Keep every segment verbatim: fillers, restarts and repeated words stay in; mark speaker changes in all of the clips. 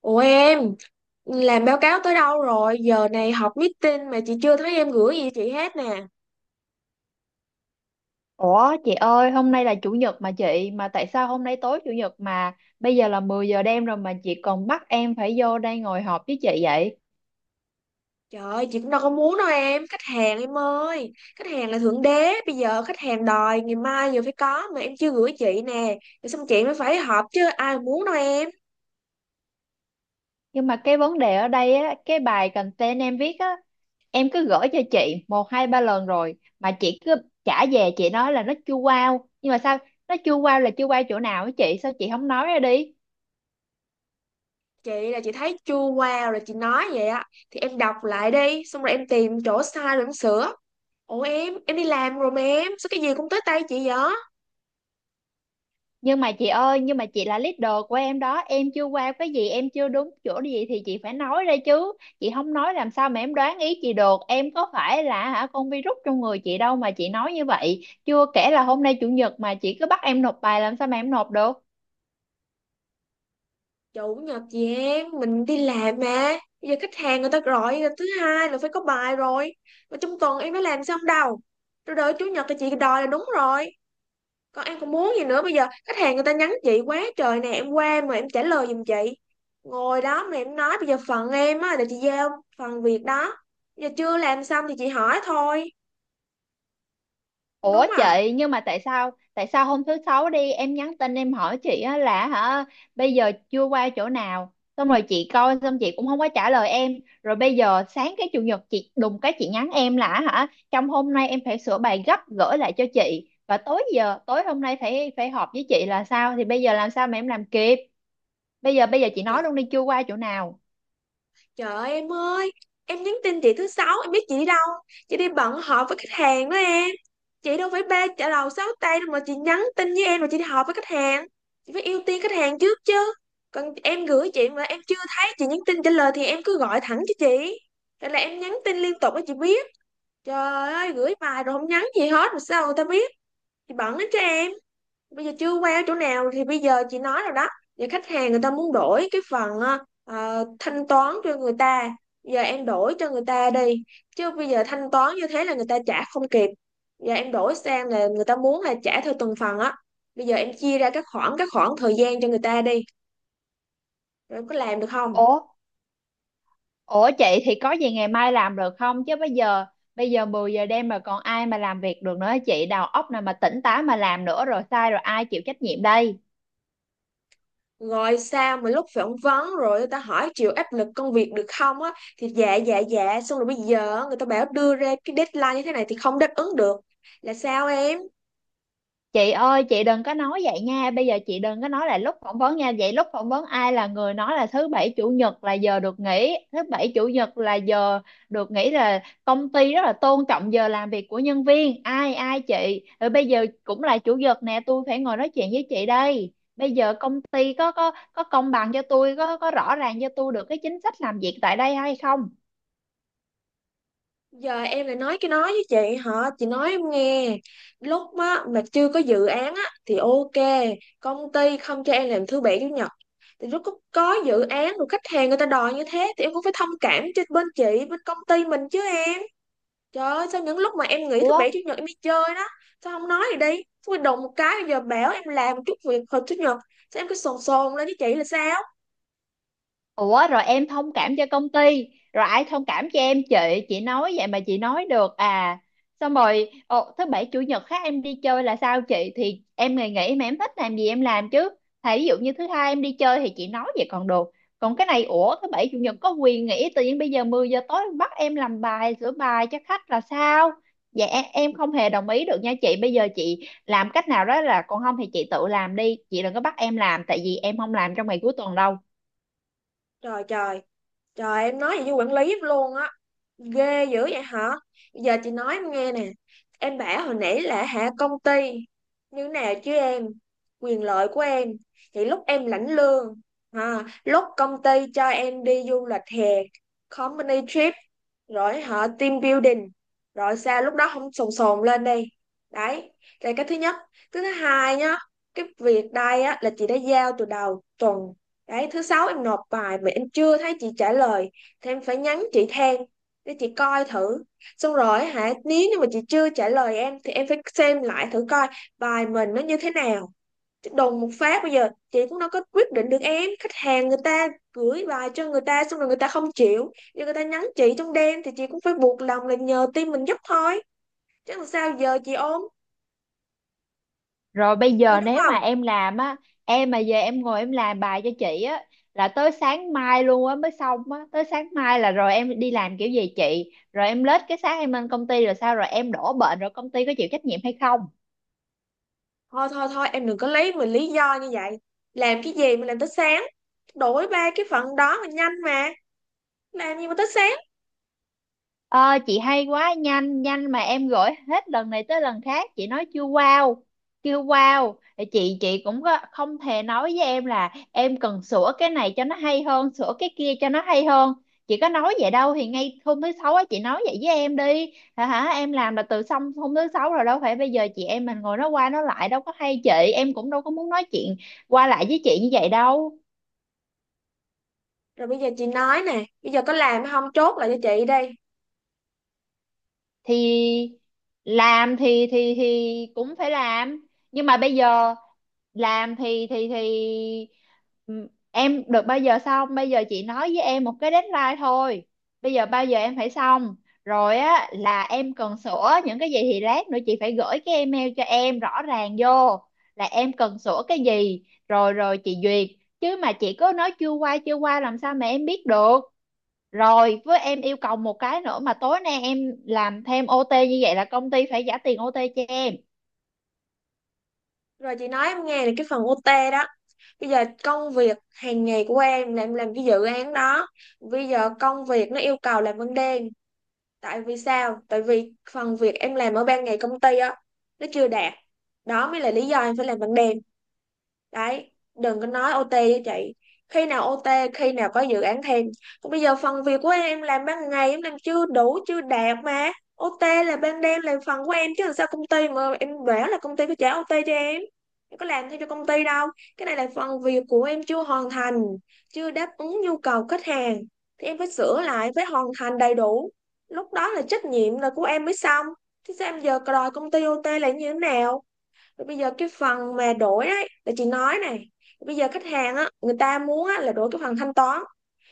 Speaker 1: Ủa em, làm báo cáo tới đâu rồi? Giờ này họp meeting mà chị chưa thấy em gửi gì chị hết nè.
Speaker 2: Ủa chị ơi, hôm nay là chủ nhật mà chị, mà tại sao hôm nay tối chủ nhật mà bây giờ là mười giờ đêm rồi mà chị còn bắt em phải vô đây ngồi họp với chị vậy?
Speaker 1: Trời ơi, chị cũng đâu có muốn đâu em, khách hàng em ơi. Khách hàng là thượng đế, bây giờ khách hàng đòi ngày mai giờ phải có mà em chưa gửi chị nè. Rồi xong chị mới phải họp chứ ai muốn đâu em.
Speaker 2: Nhưng mà cái vấn đề ở đây á, cái bài content em viết á, em cứ gửi cho chị một hai ba lần rồi mà chị cứ trả về, chị nói là nó chưa wow, nhưng mà sao nó chưa wow, là chưa wow chỗ nào á chị, sao chị không nói ra đi?
Speaker 1: Chị là chị thấy chua qua rồi chị nói vậy á. Thì em đọc lại đi, xong rồi em tìm chỗ sai rồi em sửa. Ủa em, em đi làm rồi mà em, sao cái gì cũng tới tay chị vậy?
Speaker 2: Nhưng mà chị ơi, nhưng mà chị là leader của em đó, em chưa qua cái gì, em chưa đúng chỗ gì thì chị phải nói ra chứ. Chị không nói làm sao mà em đoán ý chị được? Em có phải là hả con virus trong người chị đâu mà chị nói như vậy. Chưa kể là hôm nay chủ nhật mà chị cứ bắt em nộp bài, làm sao mà em nộp được?
Speaker 1: Chủ nhật chị em mình đi làm mà bây giờ khách hàng người ta gọi là thứ hai là phải có bài rồi, mà trong tuần em phải làm sao không đâu, rồi đợi chủ nhật thì chị đòi là đúng rồi. Còn em còn muốn gì nữa, bây giờ khách hàng người ta nhắn chị quá trời nè, em qua mà em trả lời giùm chị. Ngồi đó mà em nói bây giờ phần em á là chị giao phần việc đó. Bây giờ chưa làm xong thì chị hỏi thôi, không đúng
Speaker 2: Ủa
Speaker 1: à?
Speaker 2: chị, nhưng mà tại sao tại sao hôm thứ sáu đi, em nhắn tin em hỏi chị á là hả bây giờ chưa qua chỗ nào, xong rồi chị coi xong chị cũng không có trả lời em, rồi bây giờ sáng cái chủ nhật chị đùng cái chị nhắn em là hả trong hôm nay em phải sửa bài gấp gửi lại cho chị, và tối, giờ tối hôm nay phải phải họp với chị là sao? Thì bây giờ làm sao mà em làm kịp? Bây giờ bây giờ chị nói luôn đi, chưa qua chỗ nào?
Speaker 1: Trời ơi, em ơi, em nhắn tin chị thứ sáu, em biết chị đi đâu? Chị đi bận họp với khách hàng đó em. Chị đâu phải ba chợ đầu sáu tay đâu mà chị nhắn tin với em, mà chị đi họp với khách hàng. Chị phải ưu tiên khách hàng trước chứ. Còn em gửi chị mà em chưa thấy chị nhắn tin trả lời thì em cứ gọi thẳng cho chị. Rồi là em nhắn tin liên tục cho chị biết. Trời ơi, gửi bài rồi không nhắn gì hết mà sao người ta biết? Chị bận lắm cho em. Bây giờ chưa qua ở chỗ nào thì bây giờ chị nói rồi đó. Thì khách hàng người ta muốn đổi cái phần ờ, ờ, thanh toán cho người ta. Giờ em đổi cho người ta đi, chứ bây giờ thanh toán như thế là người ta trả không kịp. Giờ em đổi sang là người ta muốn là trả theo từng phần á. Bây giờ em chia ra các khoảng các khoảng thời gian cho người ta đi, rồi có làm được không?
Speaker 2: Ủa Ủa chị, thì có gì ngày mai làm được không? Chứ bây giờ bây giờ mười giờ đêm mà còn ai mà làm việc được nữa chị? Đầu óc nào mà tỉnh táo mà làm nữa, rồi sai rồi ai chịu trách nhiệm đây?
Speaker 1: Rồi sao mà lúc phỏng vấn rồi người ta hỏi chịu áp lực công việc được không á, thì dạ dạ dạ, xong rồi bây giờ người ta bảo đưa ra cái deadline như thế này thì không đáp ứng được, là sao em?
Speaker 2: Chị ơi, chị đừng có nói vậy nha, bây giờ chị đừng có nói là lúc phỏng vấn nha. Vậy lúc phỏng vấn ai là người nói là thứ bảy chủ nhật là giờ được nghỉ, thứ bảy chủ nhật là giờ được nghỉ, là công ty rất là tôn trọng giờ làm việc của nhân viên, ai ai chị? Rồi bây giờ cũng là chủ nhật nè, tôi phải ngồi nói chuyện với chị đây. Bây giờ công ty có có có công bằng cho tôi, có có rõ ràng cho tôi được cái chính sách làm việc tại đây hay không?
Speaker 1: Giờ em lại nói cái nói với chị hả? Chị nói em nghe, lúc mà mà chưa có dự án á thì ok, công ty không cho em làm thứ bảy chủ nhật. Thì lúc có, có dự án rồi, khách hàng người ta đòi như thế thì em cũng phải thông cảm cho bên chị, bên công ty mình chứ em. Trời ơi, sao những lúc mà em nghỉ thứ
Speaker 2: ủa
Speaker 1: bảy chủ nhật em đi chơi đó, sao không nói gì đi? Tôi đụng một cái bây giờ bảo em làm chút việc hồi chủ nhật, sao em cứ sồn sồn lên với chị là sao?
Speaker 2: Ủa rồi em thông cảm cho công ty, rồi ai thông cảm cho em chị? Chị nói vậy mà chị nói được à? Xong rồi ồ, thứ bảy chủ nhật khác em đi chơi là sao chị? Thì em ngày nghỉ mà, em thích làm gì em làm chứ. Thà ví dụ như thứ hai em đi chơi thì chị nói vậy còn được. Còn cái này ủa, thứ bảy chủ nhật có quyền nghỉ, tự nhiên bây giờ mười giờ tối bắt em làm bài, sửa bài cho khách là sao? Dạ em em không hề đồng ý được nha chị. Bây giờ chị làm cách nào đó, là còn không thì chị tự làm đi, chị đừng có bắt em làm, tại vì em không làm trong ngày cuối tuần đâu.
Speaker 1: Trời trời Trời em nói vậy với quản lý luôn á? Ghê dữ vậy hả? Giờ chị nói em nghe nè, em bảo hồi nãy là hạ công ty như nào chứ em? Quyền lợi của em, thì lúc em lãnh lương, à, lúc công ty cho em đi du lịch hè, company trip, rồi họ team building, rồi sao lúc đó không sồn sồn lên đi? Đấy là cái thứ nhất. Thứ thứ hai nhá, cái việc đây á là chị đã giao từ đầu tuần đấy. Thứ sáu em nộp bài mà em chưa thấy chị trả lời thì em phải nhắn chị than, để chị coi thử. Xong rồi hả, nếu như mà chị chưa trả lời em thì em phải xem lại thử coi bài mình nó như thế nào. Đùng một phát bây giờ chị cũng đâu có quyết định được em, khách hàng người ta gửi bài cho người ta xong rồi người ta không chịu, giờ người ta nhắn chị trong đêm thì chị cũng phải buộc lòng là nhờ team mình giúp thôi, chứ làm sao giờ chị ôm
Speaker 2: Rồi bây
Speaker 1: nghĩ
Speaker 2: giờ
Speaker 1: đúng
Speaker 2: nếu
Speaker 1: không?
Speaker 2: mà em làm á, em mà về em ngồi em làm bài cho chị á là tới sáng mai luôn á mới xong á, tới sáng mai là rồi em đi làm kiểu gì chị? Rồi em lết cái sáng em lên công ty, rồi sao rồi em đổ bệnh rồi công ty có chịu trách nhiệm hay không?
Speaker 1: Thôi thôi thôi, em đừng có lấy mình lý do như vậy, làm cái gì mà làm tới sáng? Đổi ba cái phận đó mà nhanh mà, làm gì mà tới sáng?
Speaker 2: Ờ, chị hay quá, nhanh nhanh mà em gửi hết lần này tới lần khác chị nói chưa wow, chưa wow. Thì chị chị cũng có, không thể nói với em là em cần sửa cái này cho nó hay hơn, sửa cái kia cho nó hay hơn, chị có nói vậy đâu. Thì ngay hôm thứ sáu á chị nói vậy với em đi, hả hả em làm là từ xong hôm thứ sáu rồi, đâu phải bây giờ chị em mình ngồi nói qua nói lại đâu có hay, chị em cũng đâu có muốn nói chuyện qua lại với chị như vậy đâu.
Speaker 1: Rồi bây giờ chị nói nè, bây giờ có làm hay không chốt lại cho chị đi.
Speaker 2: Thì làm thì thì thì cũng phải làm, nhưng mà bây giờ làm thì thì thì ừm, em được bao giờ xong? Bây giờ chị nói với em một cái deadline thôi, bây giờ bao giờ em phải xong, rồi á là em cần sửa những cái gì thì lát nữa chị phải gửi cái email cho em rõ ràng vô là em cần sửa cái gì, rồi rồi chị duyệt. Chứ mà chị cứ nói chưa qua chưa qua làm sao mà em biết được? Rồi với em yêu cầu một cái nữa, mà tối nay em làm thêm ô tê như vậy là công ty phải trả tiền ô tê cho em.
Speaker 1: Rồi chị nói em nghe là cái phần ô tê đó. Bây giờ công việc hàng ngày của em là em làm cái dự án đó. Bây giờ công việc nó yêu cầu làm ban đêm. Tại vì sao? Tại vì phần việc em làm ở ban ngày công ty á, nó chưa đạt. Đó mới là lý do em phải làm ban đêm đấy, đừng có nói ô tê với chị. Khi nào ô tê, khi nào có dự án thêm, còn bây giờ phần việc của em em làm ban ngày em làm chưa đủ chưa đạt mà. ô tê là ban đêm là phần của em, chứ làm sao công ty mà em bảo là công ty có trả ô tê cho em? Em có làm theo cho công ty đâu, cái này là phần việc của em chưa hoàn thành, chưa đáp ứng nhu cầu khách hàng, thì em phải sửa lại, phải hoàn thành đầy đủ, lúc đó là trách nhiệm là của em mới xong. Thế sao em giờ đòi công ty ô tê là như thế nào? Rồi bây giờ cái phần mà đổi ấy là chị nói này, bây giờ khách hàng á người ta muốn á, là đổi cái phần thanh toán.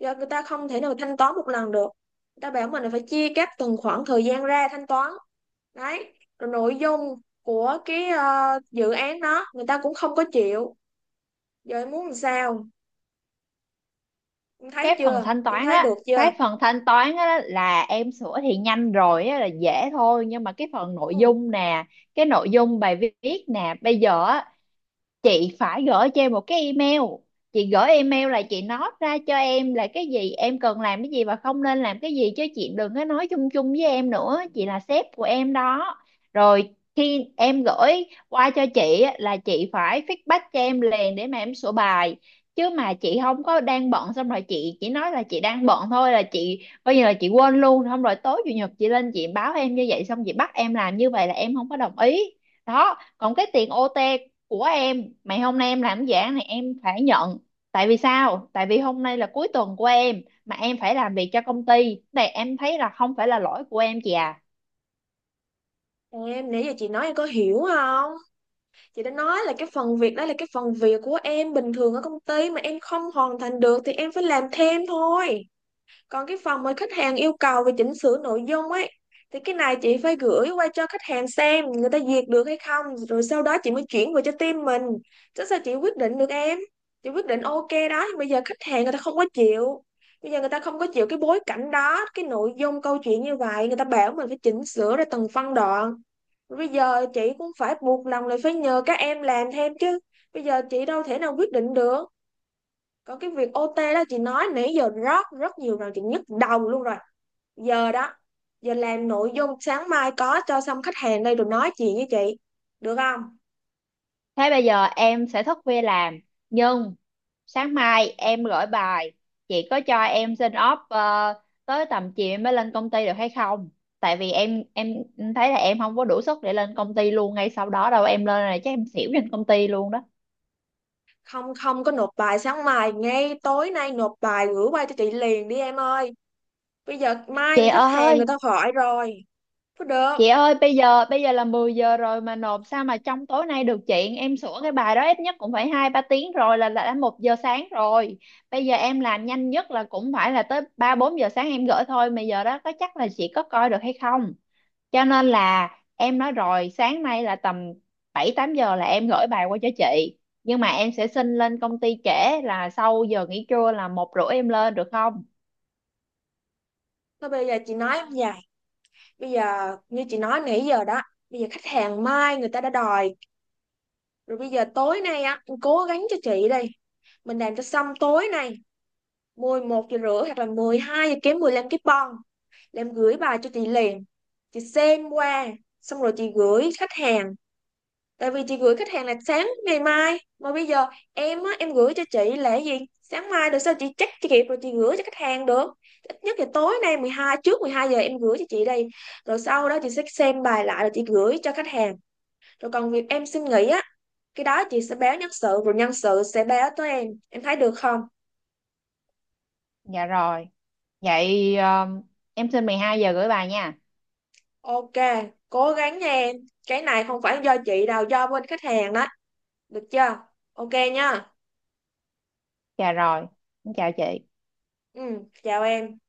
Speaker 1: Giờ người ta không thể nào thanh toán một lần được, người ta bảo mình là phải chia các từng khoảng thời gian ra thanh toán đấy. Rồi nội dung của cái ờ, dự án đó người ta cũng không có chịu. Giờ em muốn làm sao, em thấy
Speaker 2: Cái phần
Speaker 1: chưa,
Speaker 2: thanh
Speaker 1: em
Speaker 2: toán
Speaker 1: thấy
Speaker 2: á,
Speaker 1: được chưa?
Speaker 2: cái phần thanh toán á là em sửa thì nhanh rồi á, là dễ thôi, nhưng mà cái phần nội
Speaker 1: Ừ,
Speaker 2: dung nè, cái nội dung bài viết nè, bây giờ á chị phải gửi cho em một cái email. Chị gửi email là chị nói ra cho em là cái gì em cần làm, cái gì và không nên làm cái gì, chứ chị đừng có nói chung chung với em nữa. Chị là sếp của em đó. Rồi khi em gửi qua cho chị á, là chị phải feedback cho em liền để mà em sửa bài, chứ mà chị không có, đang bận xong rồi chị chỉ nói là chị đang bận thôi, là chị coi như là chị quên luôn, xong rồi tối chủ nhật chị lên chị báo em như vậy, xong chị bắt em làm như vậy là em không có đồng ý. Đó còn cái tiền ô tê của em, mày hôm nay em làm giảng này em phải nhận. Tại vì sao? Tại vì hôm nay là cuối tuần của em mà em phải làm việc cho công ty này, em thấy là không phải là lỗi của em chị à.
Speaker 1: em nãy giờ chị nói em có hiểu không? Chị đã nói là cái phần việc đó là cái phần việc của em bình thường ở công ty mà em không hoàn thành được thì em phải làm thêm thôi. Còn cái phần mà khách hàng yêu cầu về chỉnh sửa nội dung ấy, thì cái này chị phải gửi qua cho khách hàng xem người ta duyệt được hay không, rồi sau đó chị mới chuyển về cho team mình, chứ sao chị quyết định được em? Chị quyết định ok đó nhưng bây giờ khách hàng người ta không có chịu. Bây giờ người ta không có chịu cái bối cảnh đó, cái nội dung câu chuyện như vậy, người ta bảo mình phải chỉnh sửa ra từng phân đoạn. Rồi bây giờ chị cũng phải buộc lòng là phải nhờ các em làm thêm chứ, bây giờ chị đâu thể nào quyết định được. Còn cái việc ô tê đó chị nói nãy giờ rất rất nhiều rồi, chị nhức đầu luôn rồi. Giờ đó, giờ làm nội dung sáng mai có cho xong khách hàng đây rồi nói chuyện với chị, được không?
Speaker 2: Thế bây giờ em sẽ thức khuya làm, nhưng sáng mai em gửi bài, chị có cho em xin off ờ, tới tầm chiều em mới lên công ty được hay không? Tại vì em em thấy là em không có đủ sức để lên công ty luôn ngay sau đó đâu, em lên là chắc em xỉu trên công ty luôn đó.
Speaker 1: Không, không có nộp bài sáng mai, ngay tối nay nộp bài gửi qua cho chị liền đi em ơi. Bây giờ mai
Speaker 2: chị
Speaker 1: người khách hàng
Speaker 2: ơi
Speaker 1: người ta hỏi rồi, có được?
Speaker 2: Chị ơi bây giờ bây giờ là mười giờ rồi mà nộp sao mà trong tối nay được chị? Em sửa cái bài đó ít nhất cũng phải hai ba tiếng rồi, là là đã một giờ sáng rồi. Bây giờ em làm nhanh nhất là cũng phải là tới ba bốn giờ sáng em gửi thôi, mà giờ đó có chắc là chị có coi được hay không? Cho nên là em nói rồi, sáng nay là tầm bảy tám giờ là em gửi bài qua cho chị, nhưng mà em sẽ xin lên công ty trễ, là sau giờ nghỉ trưa là một rưỡi em lên được không?
Speaker 1: Thôi bây giờ chị nói như vậy, bây giờ như chị nói nãy giờ đó, bây giờ khách hàng mai người ta đã đòi rồi. Bây giờ tối nay á cố gắng cho chị đi, mình làm cho xong tối nay, mười một giờ rưỡi hoặc là mười hai giờ kém mười lăm cái bon là em gửi bài cho chị liền, chị xem qua xong rồi chị gửi khách hàng. Tại vì chị gửi khách hàng là sáng ngày mai, mà bây giờ em á, em gửi cho chị là gì, sáng mai rồi sao chị check chị kịp rồi chị gửi cho khách hàng được? Ít nhất là tối nay mười hai, trước mười hai giờ em gửi cho chị đây, rồi sau đó chị sẽ xem bài lại rồi chị gửi cho khách hàng. Rồi còn việc em xin nghỉ á, cái đó chị sẽ báo nhân sự rồi nhân sự sẽ báo tới em em thấy được không?
Speaker 2: Dạ rồi, vậy ờ, em xin mười hai giờ gửi bài nha.
Speaker 1: Ok, cố gắng nha em. Cái này không phải do chị đâu, do bên khách hàng đó. Được chưa? Ok nha.
Speaker 2: Dạ rồi, em chào chị.
Speaker 1: Ừ, chào em.